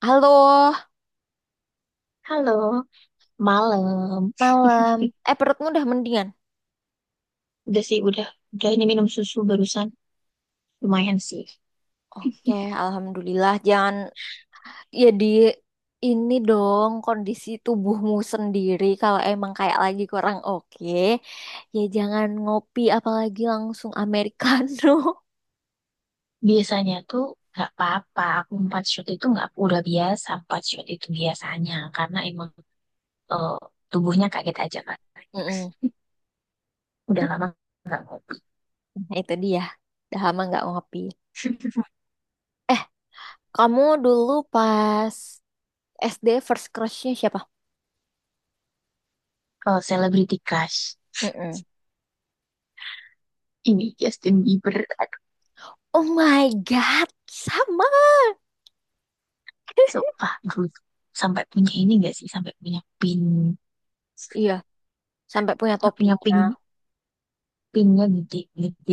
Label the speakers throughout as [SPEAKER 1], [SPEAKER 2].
[SPEAKER 1] Halo,
[SPEAKER 2] Halo, malam.
[SPEAKER 1] malam. Perutmu udah mendingan?
[SPEAKER 2] Udah sih, udah. Udah ini minum susu barusan. Lumayan sih.
[SPEAKER 1] Oke, alhamdulillah. Jangan jadi ini dong kondisi tubuhmu sendiri kalau emang kayak lagi kurang oke. Ya jangan ngopi apalagi langsung americano.
[SPEAKER 2] Biasanya tuh nggak apa-apa. Aku empat shot itu nggak udah biasa. Empat shot itu biasanya. Karena emang eh, tubuhnya kaget aja kan.
[SPEAKER 1] Mm-mm.
[SPEAKER 2] Udah lama nggak ngopi.
[SPEAKER 1] Nah, itu dia. Udah lama nggak ngopi. Eh, kamu dulu pas SD first crushnya siapa?
[SPEAKER 2] Kalau Celebrity Crush,
[SPEAKER 1] Mm-mm.
[SPEAKER 2] ini Justin Bieber. Aduh,
[SPEAKER 1] Oh my God, sama.
[SPEAKER 2] sumpah. Gue sampai punya ini nggak sih? Sampai punya pin.
[SPEAKER 1] Iya, sampai punya
[SPEAKER 2] Sampai punya
[SPEAKER 1] topinya.
[SPEAKER 2] pin. Pinnya gede-gede.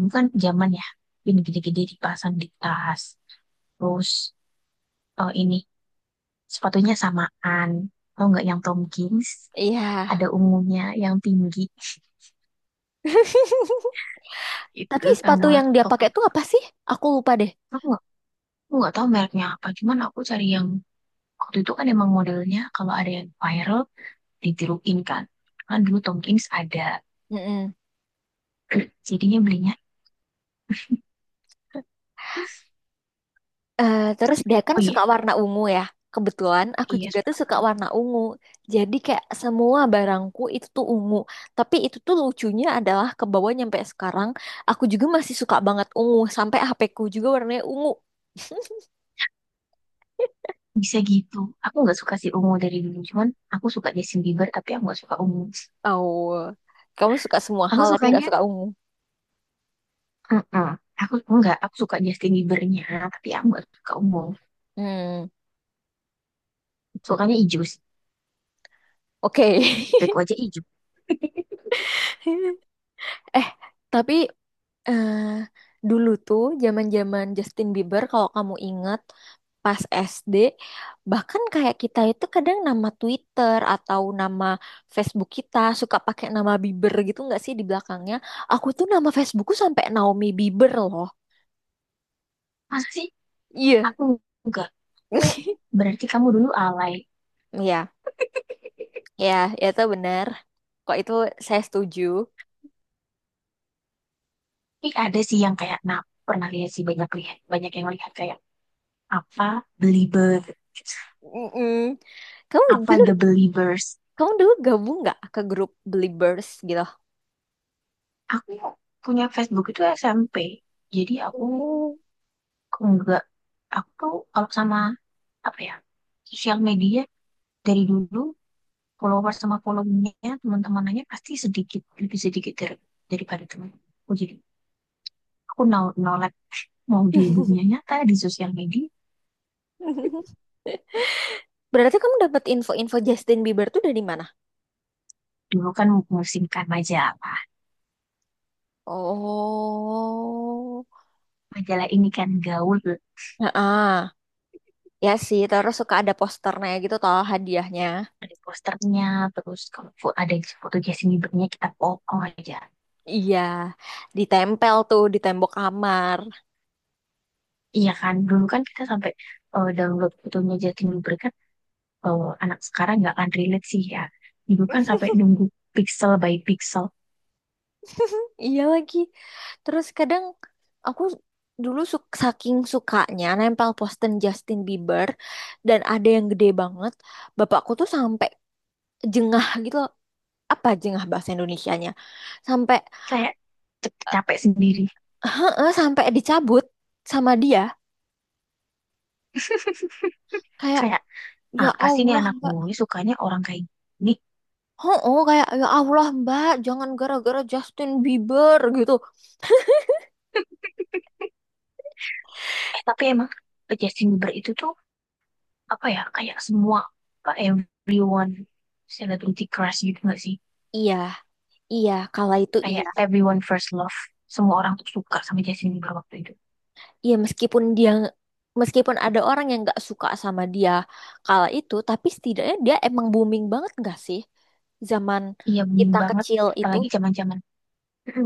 [SPEAKER 2] Bukan zaman ya. Pin gede-gede dipasang di tas. Terus ini sepatunya samaan. Tau nggak yang Tomkins?
[SPEAKER 1] Iya.
[SPEAKER 2] Ada ungunya yang tinggi. Itu
[SPEAKER 1] Tapi sepatu
[SPEAKER 2] sama
[SPEAKER 1] yang dia
[SPEAKER 2] top.
[SPEAKER 1] pakai tuh apa sih? Aku lupa deh.
[SPEAKER 2] Aku nggak aku nggak tahu mereknya apa. Cuman aku cari yang waktu itu kan emang modelnya kalau ada yang viral ditiruin kan. Kan dulu Tomkins ada.
[SPEAKER 1] Mm-mm.
[SPEAKER 2] Jadinya belinya.
[SPEAKER 1] Terus dia kan
[SPEAKER 2] Oh iya,
[SPEAKER 1] suka warna ungu ya. Kebetulan aku
[SPEAKER 2] iya
[SPEAKER 1] juga tuh
[SPEAKER 2] suka
[SPEAKER 1] suka
[SPEAKER 2] banget.
[SPEAKER 1] warna ungu. Jadi kayak semua barangku itu tuh ungu. Tapi itu tuh lucunya adalah ke bawah nyampe sekarang aku juga masih suka banget ungu sampai HP-ku juga warnanya ungu.
[SPEAKER 2] Bisa gitu. Aku nggak suka si ungu dari dulu. Cuman aku suka Justin Bieber tapi aku nggak suka ungu.
[SPEAKER 1] Oh, kamu suka semua
[SPEAKER 2] Aku
[SPEAKER 1] hal tapi nggak
[SPEAKER 2] sukanya.
[SPEAKER 1] suka ungu.
[SPEAKER 2] mm Aku enggak, aku suka Justin Biebernya, tapi aku nggak suka ungu.
[SPEAKER 1] Hmm,
[SPEAKER 2] Sukanya hijau sih.
[SPEAKER 1] oke.
[SPEAKER 2] Driku aja hijau.
[SPEAKER 1] Eh, tapi eh dulu tuh zaman-zaman Justin Bieber kalau kamu ingat pas SD bahkan kayak kita itu kadang nama Twitter atau nama Facebook kita suka pakai nama Bieber gitu nggak sih di belakangnya, aku tuh nama Facebookku sampai Naomi Bieber loh,
[SPEAKER 2] Masa sih?
[SPEAKER 1] iya.
[SPEAKER 2] Aku enggak. Aku, berarti kamu dulu alay.
[SPEAKER 1] Iya, ya, ya itu benar. Kok itu saya setuju.
[SPEAKER 2] Tapi ada sih yang kayak, nah, pernah lihat sih, banyak lihat. Banyak yang lihat kayak apa, belieber.
[SPEAKER 1] Mm-mm. Kamu
[SPEAKER 2] Apa
[SPEAKER 1] dulu,
[SPEAKER 2] the believers.
[SPEAKER 1] kamu dulu gabung nggak ke grup Beliebers gitu?
[SPEAKER 2] Aku punya Facebook itu SMP. Jadi aku
[SPEAKER 1] Mm.
[SPEAKER 2] enggak. Aku tuh kalau sama apa ya, sosial media dari dulu, follower sama followingnya teman-temanannya pasti sedikit, lebih sedikit dari, daripada teman, aku jadi aku no no like mau di dunia nyata, di sosial media,
[SPEAKER 1] Berarti kamu dapat info-info Justin Bieber tuh dari mana?
[SPEAKER 2] dulu kan memusingkan majalah.
[SPEAKER 1] Oh.
[SPEAKER 2] Majalah ini kan gaul,
[SPEAKER 1] Heeh. Ya sih, terus suka ada posternya gitu toh hadiahnya.
[SPEAKER 2] ada posternya, terus kalau ada foto Justin Bieber-nya kita foto aja.
[SPEAKER 1] Iya, ditempel tuh di tembok kamar.
[SPEAKER 2] Iya kan, dulu kan kita sampai download fotonya Justin Bieber kan, anak sekarang nggak akan relate sih ya. Dulu kan sampai nunggu pixel by pixel,
[SPEAKER 1] Iya lagi. Terus kadang aku dulu suk saking sukanya nempel poster Justin Bieber dan ada yang gede banget. Bapakku tuh sampai jengah gitu loh. Apa jengah bahasa Indonesianya? Sampai
[SPEAKER 2] kayak
[SPEAKER 1] eh,
[SPEAKER 2] capek sendiri.
[SPEAKER 1] heeh, sampai dicabut sama dia. Kayak
[SPEAKER 2] Kayak
[SPEAKER 1] ya
[SPEAKER 2] apa sih nih
[SPEAKER 1] Allah
[SPEAKER 2] anak
[SPEAKER 1] Mbak.
[SPEAKER 2] gue sukanya orang kayak gini?
[SPEAKER 1] Oh, oh kayak ya Allah Mbak, jangan gara-gara Justin Bieber gitu.
[SPEAKER 2] Eh, tapi emang Justin Bieber itu tuh apa ya, kayak semua apa, everyone celebrity crush gitu gak sih,
[SPEAKER 1] Iya, iya, kala itu
[SPEAKER 2] kayak
[SPEAKER 1] iya.
[SPEAKER 2] everyone first love, semua orang tuh suka sama Justin Bieber waktu itu,
[SPEAKER 1] Iya meskipun dia meskipun ada orang yang nggak suka sama dia kala itu, tapi setidaknya dia emang booming banget nggak sih zaman
[SPEAKER 2] iya bening
[SPEAKER 1] kita
[SPEAKER 2] banget,
[SPEAKER 1] kecil itu.
[SPEAKER 2] apalagi zaman zaman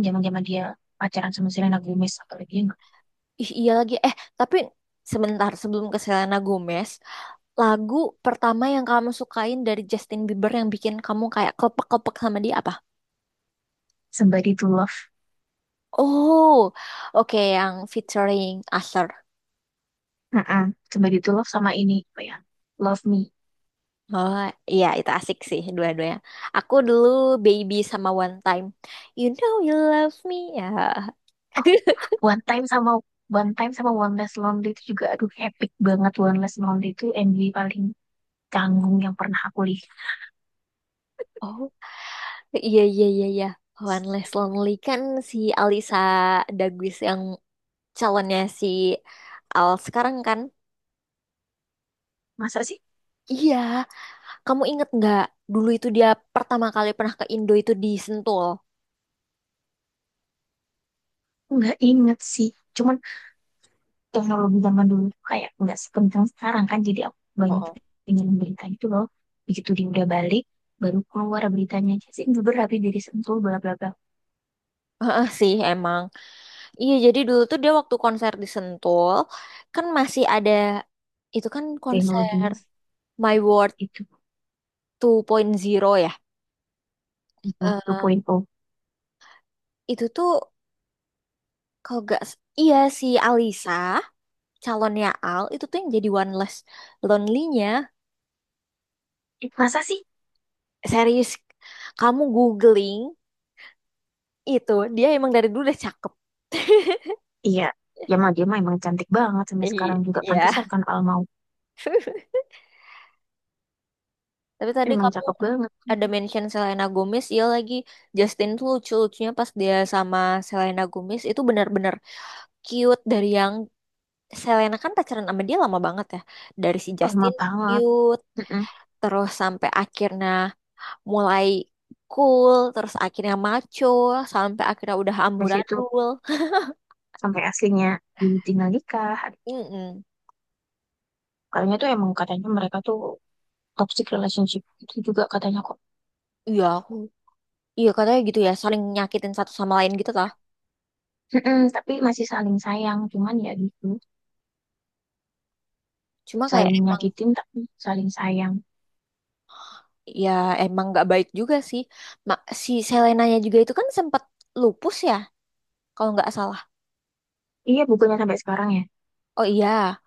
[SPEAKER 2] zaman zaman dia pacaran sama Selena Gomez, apalagi yang
[SPEAKER 1] Ih, iya lagi. Tapi sebentar sebelum ke Selena Gomez, lagu pertama yang kamu sukain dari Justin Bieber yang bikin kamu kayak kelepek-kelepek sama dia apa?
[SPEAKER 2] Somebody to Love.
[SPEAKER 1] Oh, oke yang featuring Usher.
[SPEAKER 2] Mm-mm. Somebody to Love sama ini apa ya, Love Me.
[SPEAKER 1] Oh, iya itu asik sih dua-duanya. Aku dulu Baby sama One Time. You know you love me ya.
[SPEAKER 2] Oh, One Time sama One Time sama One Less Lonely itu juga, aduh, epic banget. One Less Lonely itu MV paling canggung yang pernah aku lihat.
[SPEAKER 1] Oh, iya iya iya iya. One Less Lonely kan si Alisa Daguis yang calonnya si Al sekarang kan.
[SPEAKER 2] Masa sih,
[SPEAKER 1] Iya, kamu inget nggak dulu itu dia pertama kali pernah ke Indo itu di Sentul.
[SPEAKER 2] nggak inget sih, cuman teknologi zaman dulu tuh kayak nggak sekencang sekarang kan, jadi aku banyak
[SPEAKER 1] Oh.
[SPEAKER 2] pengen berita itu loh. Begitu dia udah balik, baru keluar beritanya Justin Bieber habis dari Sentul bla bla bla.
[SPEAKER 1] Heeh sih emang. Iya, jadi dulu tuh dia waktu konser di Sentul, kan masih ada, itu kan konser
[SPEAKER 2] Teknologinya
[SPEAKER 1] My World
[SPEAKER 2] itu
[SPEAKER 1] 2.0 ya. Eh,
[SPEAKER 2] 2.0.
[SPEAKER 1] itu tuh kalau gak, s- iya si Alisa, calonnya Al, itu tuh yang jadi One Less Lonely-nya.
[SPEAKER 2] Ih, masa sih.
[SPEAKER 1] Serius, kamu googling itu, dia emang dari dulu udah cakep.
[SPEAKER 2] Iya, ya mah dia mah emang cantik banget sampai sekarang juga,
[SPEAKER 1] Iya.
[SPEAKER 2] pantesan kan, Alma
[SPEAKER 1] Tapi tadi
[SPEAKER 2] emang
[SPEAKER 1] kamu
[SPEAKER 2] cakep banget.
[SPEAKER 1] ada mention Selena Gomez, iya lagi Justin tuh lucu-lucunya pas dia sama Selena Gomez itu benar-benar cute dari yang Selena kan pacaran sama dia lama banget ya. Dari si
[SPEAKER 2] Alma
[SPEAKER 1] Justin
[SPEAKER 2] banget.
[SPEAKER 1] cute,
[SPEAKER 2] Mm-mm.
[SPEAKER 1] terus sampai akhirnya mulai cool, terus akhirnya maco, sampai akhirnya udah
[SPEAKER 2] Dari situ
[SPEAKER 1] amburadul.
[SPEAKER 2] sampai aslinya ditinggal nikah.
[SPEAKER 1] Mm-mm.
[SPEAKER 2] Kayaknya tuh emang katanya mereka tuh toxic relationship, itu juga katanya aku.
[SPEAKER 1] Iya aku, iya katanya gitu ya, saling nyakitin satu sama lain gitu lah.
[SPEAKER 2] Mm-mm, tapi masih saling sayang, cuman ya gitu,
[SPEAKER 1] Cuma kayak
[SPEAKER 2] saling
[SPEAKER 1] emang
[SPEAKER 2] nyakitin tapi saling sayang.
[SPEAKER 1] ya emang nggak baik juga sih. Ma- si Selenanya juga itu kan sempat lupus ya, kalau nggak salah.
[SPEAKER 2] Iya, bukunya sampai sekarang ya.
[SPEAKER 1] Oh iya,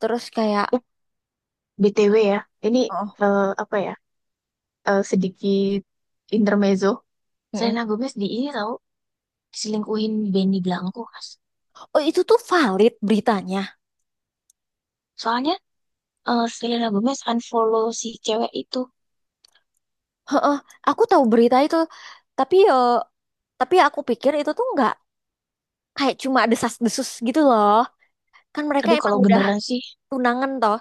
[SPEAKER 1] terus kayak
[SPEAKER 2] Eh, BTW ya, ini
[SPEAKER 1] oh,
[SPEAKER 2] apa ya? Sedikit intermezzo.
[SPEAKER 1] mm-mm.
[SPEAKER 2] Selena Gomez di ini tahu, diselingkuhin Benny Blanco, Mas.
[SPEAKER 1] Oh itu tuh valid beritanya.
[SPEAKER 2] Soalnya Selena Gomez unfollow si cewek itu.
[SPEAKER 1] Heeh, aku tahu berita itu, tapi tapi aku pikir itu tuh nggak kayak cuma desas-desus gitu loh. Kan mereka
[SPEAKER 2] Aduh,
[SPEAKER 1] emang
[SPEAKER 2] kalau
[SPEAKER 1] udah
[SPEAKER 2] beneran sih,
[SPEAKER 1] tunangan toh.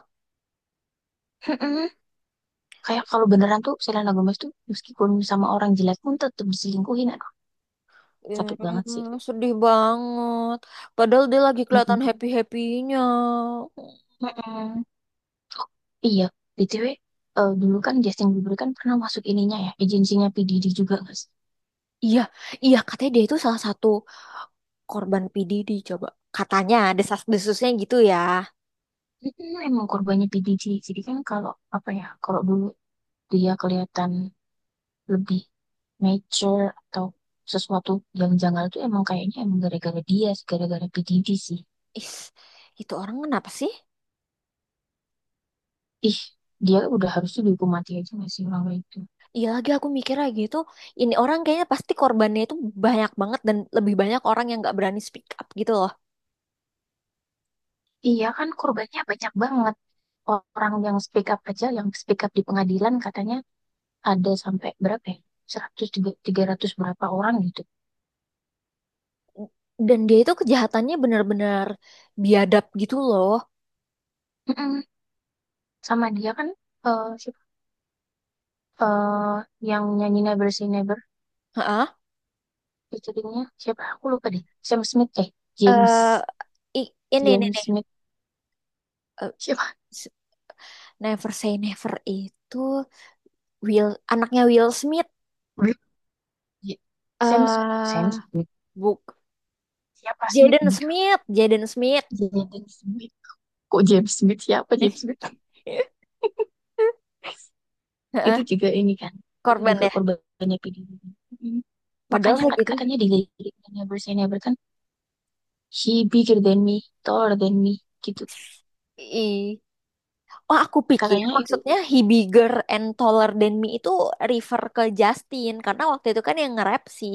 [SPEAKER 2] mm-mm. Kayak kalau beneran tuh Selena Gomez tuh meskipun sama orang jelek pun tetap diselingkuhin. Aduh,
[SPEAKER 1] Hmm,
[SPEAKER 2] sakit banget sih.
[SPEAKER 1] sedih banget. Padahal dia lagi
[SPEAKER 2] Mm-mm.
[SPEAKER 1] kelihatan happy-happynya.
[SPEAKER 2] Mm-mm. Oh, iya, BTW, dulu kan Justin Bieber kan pernah masuk ininya ya, agensinya P. Diddy juga, guys.
[SPEAKER 1] Iya, iya katanya dia itu salah satu korban PDD coba. Katanya desas-desusnya gitu ya.
[SPEAKER 2] Mm, emang korbannya P. Diddy. Jadi kan kalau, apa ya, kalau dulu dia kelihatan lebih mature atau sesuatu yang janggal, itu emang kayaknya emang gara-gara dia, sih, gara-gara P. Diddy sih.
[SPEAKER 1] Is, itu orang kenapa sih?
[SPEAKER 2] Ih, dia udah harusnya dihukum mati aja gak sih orang kayak itu?
[SPEAKER 1] Iya lagi aku mikir lagi itu ini orang kayaknya pasti korbannya itu banyak banget dan lebih banyak orang yang nggak berani speak up gitu loh.
[SPEAKER 2] Iya kan korbannya banyak banget. Orang yang speak up aja, yang speak up di pengadilan katanya ada sampai berapa ya? 100 ratus berapa orang gitu.
[SPEAKER 1] Dan dia itu kejahatannya benar-benar biadab gitu loh.
[SPEAKER 2] Mm-mm. Sama dia kan, siapa? Eh, yang nyanyi Never Say Never
[SPEAKER 1] Heeh.
[SPEAKER 2] featuringnya siapa? Aku lupa deh. Sam Smith, James
[SPEAKER 1] Eh, i- ini
[SPEAKER 2] James
[SPEAKER 1] nih,
[SPEAKER 2] Smith
[SPEAKER 1] eh,
[SPEAKER 2] siapa?
[SPEAKER 1] s- Never Say Never itu Will anaknya Will Smith
[SPEAKER 2] Blip. J- Sam
[SPEAKER 1] eh
[SPEAKER 2] Sam Smith,
[SPEAKER 1] buk
[SPEAKER 2] siapa Smith
[SPEAKER 1] Jaden
[SPEAKER 2] gitu?
[SPEAKER 1] Smith, Jaden Smith.
[SPEAKER 2] Jaden Smith. Kok James Smith, siapa James Smith?
[SPEAKER 1] Heeh,
[SPEAKER 2] Itu juga ini kan. Itu
[SPEAKER 1] korban
[SPEAKER 2] juga
[SPEAKER 1] ya.
[SPEAKER 2] korbannya PDB. Mm.
[SPEAKER 1] Padahal
[SPEAKER 2] Makanya
[SPEAKER 1] kayak
[SPEAKER 2] kan
[SPEAKER 1] gitu.
[SPEAKER 2] katanya di liriknya Never Say Never kan, he bigger than me, taller than me, gitu.
[SPEAKER 1] I Oh, aku pikir
[SPEAKER 2] Katanya itu
[SPEAKER 1] maksudnya he bigger and taller than me itu refer ke Justin karena waktu itu kan yang nge-rap si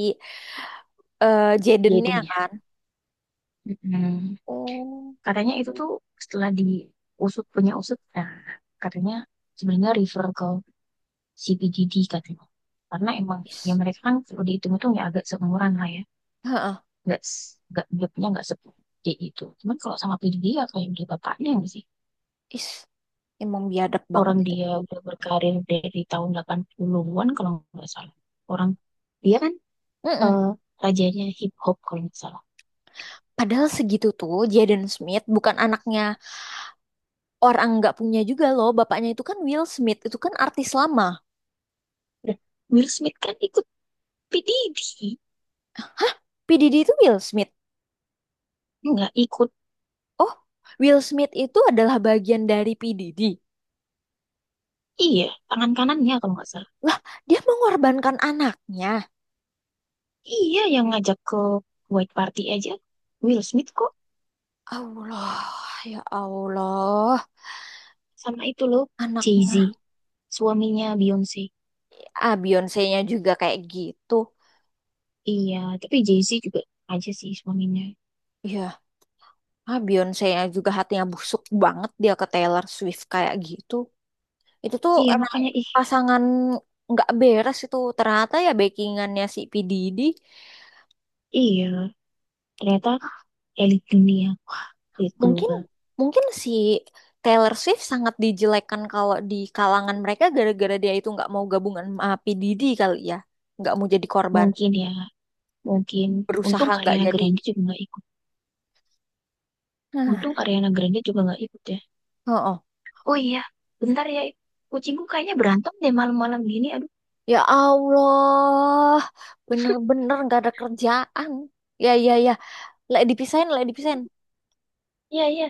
[SPEAKER 1] Jadennya
[SPEAKER 2] Jaden ya.
[SPEAKER 1] kan.
[SPEAKER 2] Mm-mm.
[SPEAKER 1] Oh.
[SPEAKER 2] Katanya itu tuh setelah diusut punya usut, nah, katanya sebenarnya refer ke CPGD katanya. Karena emang ya
[SPEAKER 1] Is.
[SPEAKER 2] mereka kan kalau dihitung itu ya agak seumuran lah ya.
[SPEAKER 1] Heeh.
[SPEAKER 2] Nggak, nggak, jobnya nggak segede itu. Cuman kalau sama PD ya kayak udah bapaknya nggak sih.
[SPEAKER 1] Is, emang biadab banget
[SPEAKER 2] Orang
[SPEAKER 1] itu.
[SPEAKER 2] dia udah berkarir dari tahun 80-an kalau nggak salah. Orang dia kan
[SPEAKER 1] Mm-mm.
[SPEAKER 2] eh, rajanya hip hop kalau nggak salah.
[SPEAKER 1] Padahal segitu tuh Jaden Smith bukan anaknya orang nggak punya juga loh. Bapaknya itu kan Will Smith, itu kan artis lama.
[SPEAKER 2] Udah, Will Smith kan ikut PDD,
[SPEAKER 1] P. Diddy itu Will Smith.
[SPEAKER 2] nggak ikut.
[SPEAKER 1] Oh, Will Smith itu adalah bagian dari P. Diddy.
[SPEAKER 2] Iya, tangan kanannya kalau nggak salah.
[SPEAKER 1] Lah, dia mengorbankan anaknya.
[SPEAKER 2] Iya, yang ngajak ke White Party aja. Will Smith kok,
[SPEAKER 1] Allah, ya Allah.
[SPEAKER 2] sama itu loh, Jay-Z,
[SPEAKER 1] Anaknya.
[SPEAKER 2] suaminya Beyonce.
[SPEAKER 1] Ah, Beyonce-nya juga kayak gitu.
[SPEAKER 2] Iya, tapi Jay-Z juga aja sih suaminya.
[SPEAKER 1] Ya, ah, Beyonce-nya juga hatinya busuk banget dia ke Taylor Swift kayak gitu. Itu tuh
[SPEAKER 2] Iya,
[SPEAKER 1] emang
[SPEAKER 2] makanya ih,
[SPEAKER 1] pasangan nggak beres itu. Ternyata ya backingannya si P. Diddy.
[SPEAKER 2] iya, ternyata elit dunia, wah, elit
[SPEAKER 1] Mungkin,
[SPEAKER 2] global.
[SPEAKER 1] mungkin si Taylor Swift sangat dijelekan kalau di kalangan mereka gara-gara dia itu nggak mau gabungan sama P. Diddy kali ya. Nggak mau jadi korban.
[SPEAKER 2] Mungkin ya, mungkin. Untung
[SPEAKER 1] Berusaha nggak
[SPEAKER 2] Ariana
[SPEAKER 1] jadi.
[SPEAKER 2] Grande juga nggak ikut.
[SPEAKER 1] Nah,
[SPEAKER 2] Untung Ariana Grande juga nggak ikut ya.
[SPEAKER 1] oh, oh.
[SPEAKER 2] Oh iya, bentar ya. Kucingku kayaknya berantem deh malam-malam gini. Aduh,
[SPEAKER 1] Ya Allah, bener-bener nggak ada kerjaan. Ya, ya, ya. Lek dipisahin, lek dipisahin.
[SPEAKER 2] iya, iya.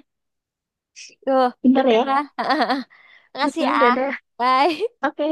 [SPEAKER 1] Tuh,
[SPEAKER 2] Bentar ya.
[SPEAKER 1] dadah. Makasih
[SPEAKER 2] Mm-mm,
[SPEAKER 1] ya.
[SPEAKER 2] dadah.
[SPEAKER 1] Bye.
[SPEAKER 2] Oke,